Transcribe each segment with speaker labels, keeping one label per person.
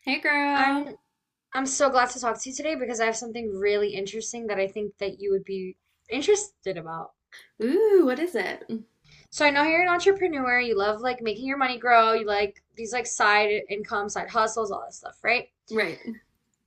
Speaker 1: Hey, girl.
Speaker 2: I'm I'm so glad to talk to you today because I have something really interesting that I think that you would be interested about.
Speaker 1: Ooh, what is it?
Speaker 2: So I know you're an entrepreneur, you love like making your money grow, you like these like side income, side hustles, all that stuff, right?
Speaker 1: Right.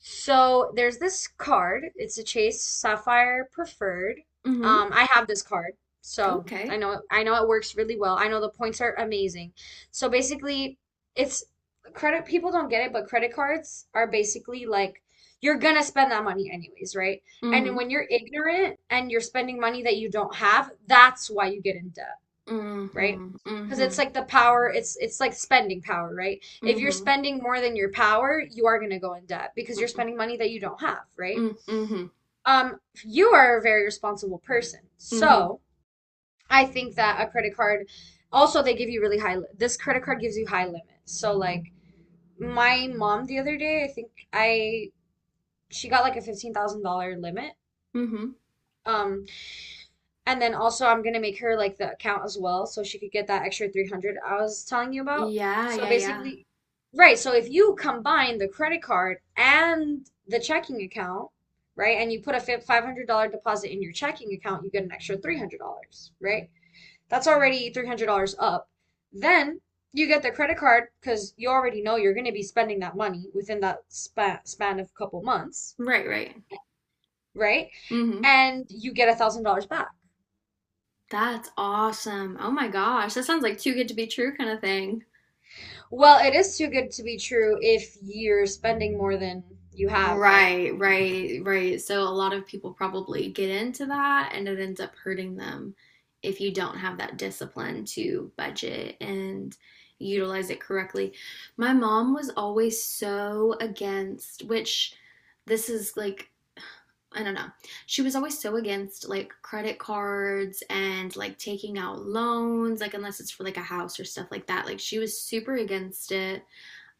Speaker 2: So there's this card. It's a Chase Sapphire Preferred.
Speaker 1: Mm-hmm.
Speaker 2: I have this card, so I
Speaker 1: Okay.
Speaker 2: know it, I know it works really well. I know the points are amazing. So basically, it's credit people don't get it, but credit cards are basically like you're gonna spend that money anyways, right? And
Speaker 1: Mm-hmm.
Speaker 2: when you're ignorant and you're spending money that you don't have, that's why you get in debt, right?
Speaker 1: Mm-hmm.
Speaker 2: Because
Speaker 1: Mm-hmm.
Speaker 2: it's like the power, it's like spending power, right? If you're
Speaker 1: Mm-hmm.
Speaker 2: spending more than your power, you are going to go in debt because you're
Speaker 1: Mm-hmm.
Speaker 2: spending money that you don't have, right?
Speaker 1: Mm-hmm.
Speaker 2: Um, you are a very responsible person.
Speaker 1: Mm-hmm.
Speaker 2: So, I think that a credit card, also they give you really high this credit card gives you high limits. So like my mom the other day, I think I she got like a $15,000 limit.
Speaker 1: Mm-hmm.
Speaker 2: Um And then also I'm gonna make her like the account as well so she could get that extra 300 I was telling you about.
Speaker 1: Yeah,
Speaker 2: So
Speaker 1: yeah, yeah.
Speaker 2: basically, right, so if you combine the credit card and the checking account, right, and you put a $500 deposit in your checking account, you get an extra $300, right? That's already $300 up. Then you get the credit card because you already know you're gonna be spending that money within that span of a couple months,
Speaker 1: Right, right.
Speaker 2: right?
Speaker 1: Mm-hmm.
Speaker 2: And you get a $1,000 back.
Speaker 1: That's awesome. Oh my gosh. That sounds like too good to be true kind of thing.
Speaker 2: Well, it is too good to be true if you're spending more than you have, right?
Speaker 1: Right, right, right. So a lot of people probably get into that and it ends up hurting them if you don't have that discipline to budget and utilize it correctly. My mom was always so against, which this is like, I don't know. She was always so against like credit cards and like taking out loans, like unless it's for like a house or stuff like that. Like she was super against it,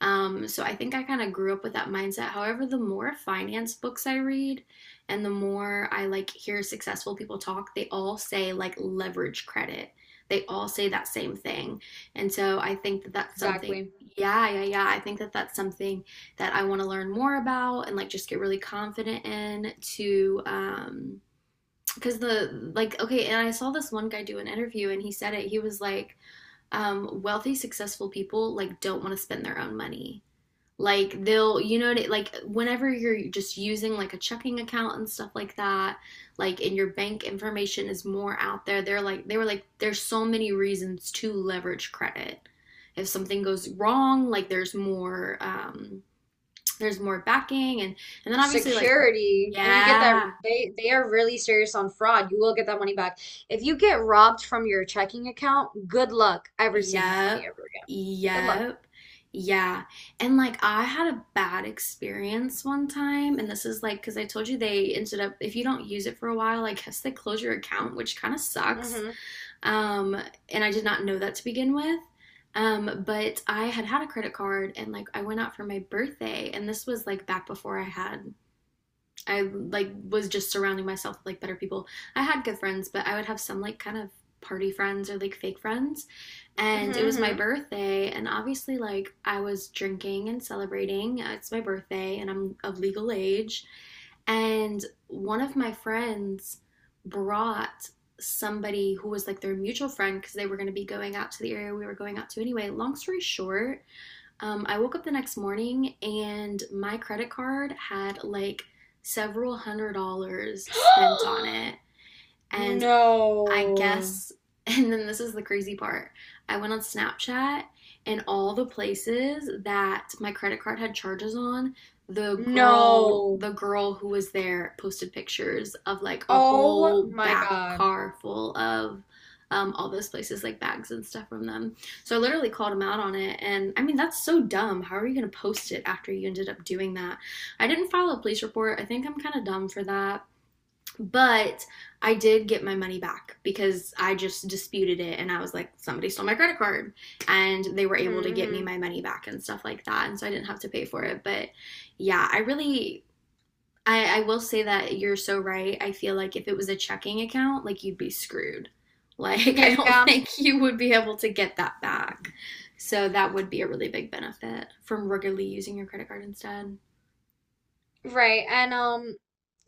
Speaker 1: so I think I kind of grew up with that mindset. However, the more finance books I read and the more I like hear successful people talk, they all say like leverage credit. They all say that same thing. And so I think that that's something,
Speaker 2: Exactly.
Speaker 1: yeah, yeah, yeah. I think that that's something that I want to learn more about and like just get really confident in to, because the like okay, and I saw this one guy do an interview and he said it, he was like, wealthy successful people like don't want to spend their own money. Like they'll, like whenever you're just using like a checking account and stuff like that, like and your bank information is more out there, they're like, they were like, there's so many reasons to leverage credit. If something goes wrong, like there's more backing. And then obviously like,
Speaker 2: Security, and you get that
Speaker 1: yeah.
Speaker 2: they are really serious on fraud. You will get that money back. If you get robbed from your checking account, good luck ever seeing that money
Speaker 1: Yep.
Speaker 2: ever again. Good luck.
Speaker 1: Yep. Yeah. And like I had a bad experience one time, and this is like because I told you, they ended up, if you don't use it for a while, I guess they close your account, which kind of sucks.
Speaker 2: Mm-hmm.
Speaker 1: Um, and I did not know that to begin with. Um, but I had had a credit card, and like I went out for my birthday, and this was like back before I had, I like was just surrounding myself with like better people. I had good friends, but I would have some like kind of party friends or like fake friends.
Speaker 2: Mm-hmm.
Speaker 1: And it was my
Speaker 2: Mm-hmm.
Speaker 1: birthday, and obviously, like, I was drinking and celebrating. It's my birthday, and I'm of legal age. And one of my friends brought somebody who was like their mutual friend because they were going to be going out to the area we were going out to anyway. Long story short, I woke up the next morning and my credit card had like several hundred dollars spent on it. And I
Speaker 2: No.
Speaker 1: guess, and then this is the crazy part. I went on Snapchat, and all the places that my credit card had charges on, the girl,
Speaker 2: No.
Speaker 1: the girl who was there posted pictures of like a
Speaker 2: Oh
Speaker 1: whole
Speaker 2: my
Speaker 1: back
Speaker 2: God.
Speaker 1: car full of, all those places, like bags and stuff from them. So I literally called him out on it. And I mean, that's so dumb. How are you going to post it after you ended up doing that? I didn't file a police report. I think I'm kind of dumb for that. But I did get my money back because I just disputed it, and I was like, somebody stole my credit card. And they were able to get me
Speaker 2: Mm-hmm.
Speaker 1: my money back and stuff like that. And so I didn't have to pay for it. But yeah, I really, I will say that you're so right. I feel like if it was a checking account, like you'd be screwed. Like,
Speaker 2: Mm-hmm.
Speaker 1: I don't
Speaker 2: Yeah.
Speaker 1: think you would be able to get that back. So that would be a really big benefit from regularly using your credit card instead.
Speaker 2: Right. And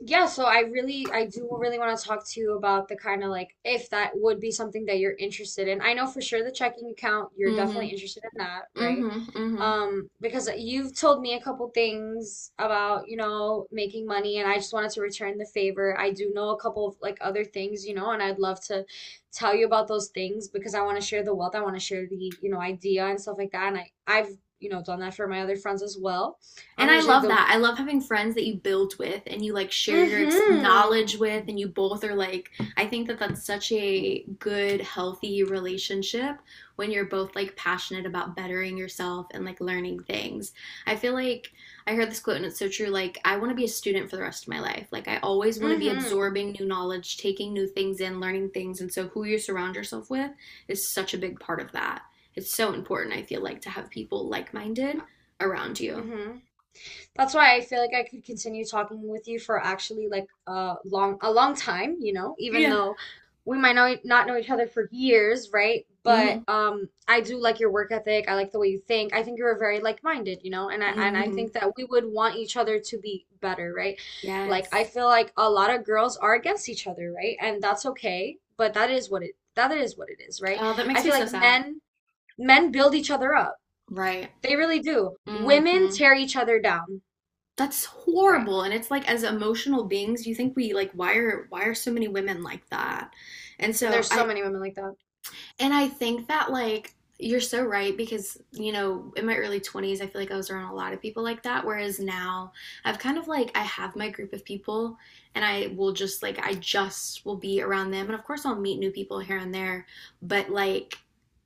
Speaker 2: yeah, so I do really want to talk to you about the kind of like if that would be something that you're interested in. I know for sure the checking account, you're
Speaker 1: Mm hmm.
Speaker 2: definitely interested in that,
Speaker 1: Mm
Speaker 2: right?
Speaker 1: hmm. Mm hmm.
Speaker 2: Because you've told me a couple things about making money and I just wanted to return the favor. I do know a couple of like other things, and I'd love to tell you about those things because I want to share the wealth, I want to share the idea and stuff like that. And I've done that for my other friends as well. I'm
Speaker 1: And I
Speaker 2: usually
Speaker 1: love
Speaker 2: the.
Speaker 1: that. I love having friends that you build with and you like share your ex-
Speaker 2: Mm-hmm.
Speaker 1: knowledge with, and you both are like, I think that that's such a good, healthy relationship when you're both like passionate about bettering yourself and like learning things. I feel like I heard this quote and it's so true. Like, I want to be a student for the rest of my life. Like, I always want to be
Speaker 2: Mm-hmm.
Speaker 1: absorbing new knowledge, taking new things in, learning things. And so, who you surround yourself with is such a big part of that. It's so important, I feel like, to have people like minded
Speaker 2: Uh,
Speaker 1: around you.
Speaker 2: Mm-hmm. That's why I feel like I could continue talking with you for actually like a long time, even
Speaker 1: Yeah.
Speaker 2: though we might not know each other for years, right? But
Speaker 1: Mhm.
Speaker 2: I do like your work ethic. I like the way you think. I think you're very like-minded, and I
Speaker 1: Mhm.
Speaker 2: think that we would want each other to be better, right? Like I
Speaker 1: Yes.
Speaker 2: feel like a lot of girls are against each other, right? And that's okay, but that is what it that is what it is, right?
Speaker 1: Oh, that
Speaker 2: I
Speaker 1: makes me
Speaker 2: feel
Speaker 1: so
Speaker 2: like
Speaker 1: sad.
Speaker 2: men build each other up.
Speaker 1: Right.
Speaker 2: They really do. Women
Speaker 1: Mhm.
Speaker 2: tear each other down,
Speaker 1: That's
Speaker 2: right?
Speaker 1: horrible. And it's like as emotional beings, you think we like, why are so many women like that? And
Speaker 2: And
Speaker 1: so
Speaker 2: there's so
Speaker 1: I,
Speaker 2: many women like that.
Speaker 1: and I think that like you're so right, because in my early 20s I feel like I was around a lot of people like that, whereas now I've kind of like, I have my group of people and I will just like, I just will be around them, and of course I'll meet new people here and there, but like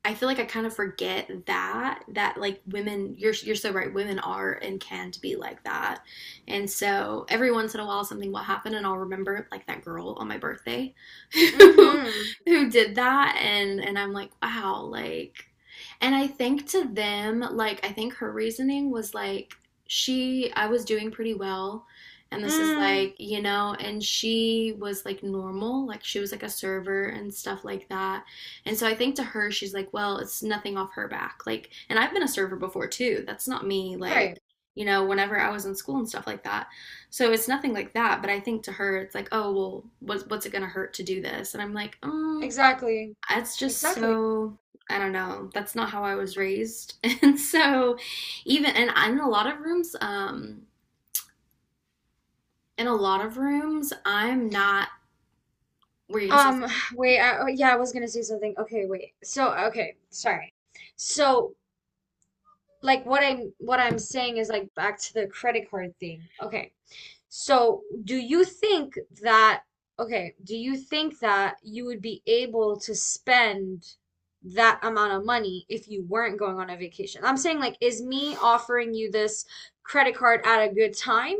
Speaker 1: I feel like I kind of forget that, like women, you're so right, women are and can be like that. And so every once in a while something will happen and I'll remember like that girl on my birthday who
Speaker 2: Mm-hmm.
Speaker 1: who did that. And I'm like, wow, like, and I think to them, like I think her reasoning was like, she, I was doing pretty well, and this is
Speaker 2: Mm,
Speaker 1: like, and she was like normal, like she was like a server and stuff like that. And so I think to her she's like, well, it's nothing off her back. Like, and I've been a server before too. That's not me, like,
Speaker 2: right.
Speaker 1: whenever I was in school and stuff like that. So it's nothing like that, but I think to her it's like, oh well, what's it gonna hurt to do this? And I'm like,
Speaker 2: Exactly.
Speaker 1: it's just
Speaker 2: Exactly.
Speaker 1: so, I don't know. That's not how I was raised, and so, even and in a lot of rooms, in a lot of rooms, I'm not. Were you gonna say
Speaker 2: Um,
Speaker 1: something?
Speaker 2: wait, oh, yeah, I was gonna say something. Okay, wait. So, okay, sorry. So, like what I'm saying is like back to the credit card thing. Okay. So, do you think that, okay, do you think that you would be able to spend that amount of money if you weren't going on a vacation? I'm saying like, is me offering you this credit card at a good time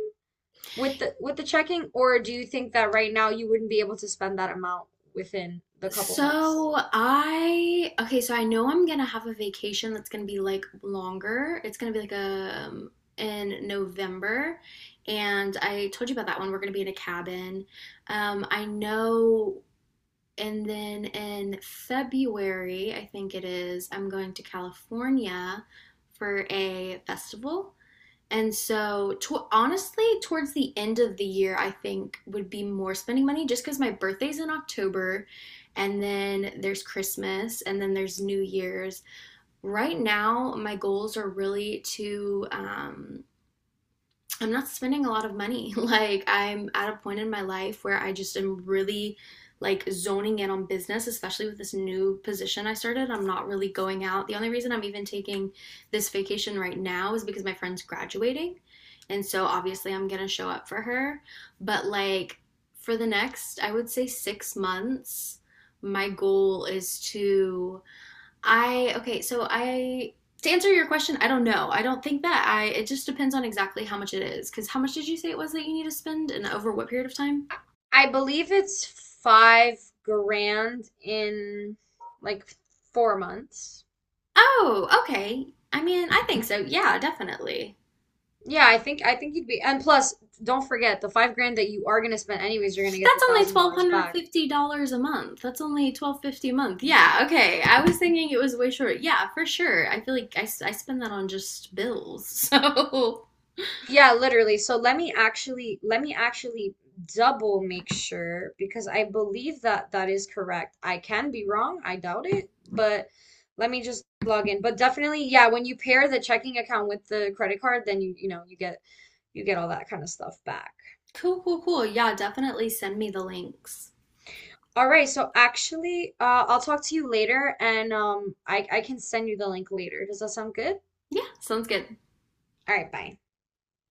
Speaker 2: with the checking, or do you think that right now you wouldn't be able to spend that amount within the couple months?
Speaker 1: So I, okay, so I know I'm gonna have a vacation that's gonna be like longer. It's gonna be like a, in November, and I told you about that one. We're gonna be in a cabin. I know, and then in February, I think it is, I'm going to California for a festival. And so, honestly, towards the end of the year, I think would be more spending money just because my birthday's in October, and then there's Christmas, and then there's New Year's. Right now, my goals are really to, I'm not spending a lot of money. Like I'm at a point in my life where I just am really like zoning in on business, especially with this new position I started. I'm not really going out. The only reason I'm even taking this vacation right now is because my friend's graduating. And so obviously I'm going to show up for her, but like for the next, I would say 6 months, my goal is to, I okay, so I, to answer your question, I don't know. I don't think that I, it just depends on exactly how much it is, cuz how much did you say it was that you need to spend and over what period of time?
Speaker 2: I believe it's 5 grand in like 4 months.
Speaker 1: Oh, okay. I mean, I think so. Yeah, definitely.
Speaker 2: Yeah, I think you'd be, and plus, don't forget the 5 grand that you are gonna spend anyways, you're gonna get the
Speaker 1: That's only
Speaker 2: $1,000 back.
Speaker 1: $1250 a month. That's only 1250 a month. Yeah, okay. I was thinking it was way short. Yeah, for sure. I feel like I, I spend that on just bills. So,
Speaker 2: Yeah, literally. So let me actually double make sure because I believe that that is correct. I can be wrong, I doubt it, but let me just log in. But definitely, yeah, when you pair the checking account with the credit card, then you get all that kind of stuff back.
Speaker 1: cool, cool, cool. Yeah, definitely send me the links.
Speaker 2: All right, so actually, I'll talk to you later and I can send you the link later. Does that sound good?
Speaker 1: Yeah, sounds good.
Speaker 2: All right, bye.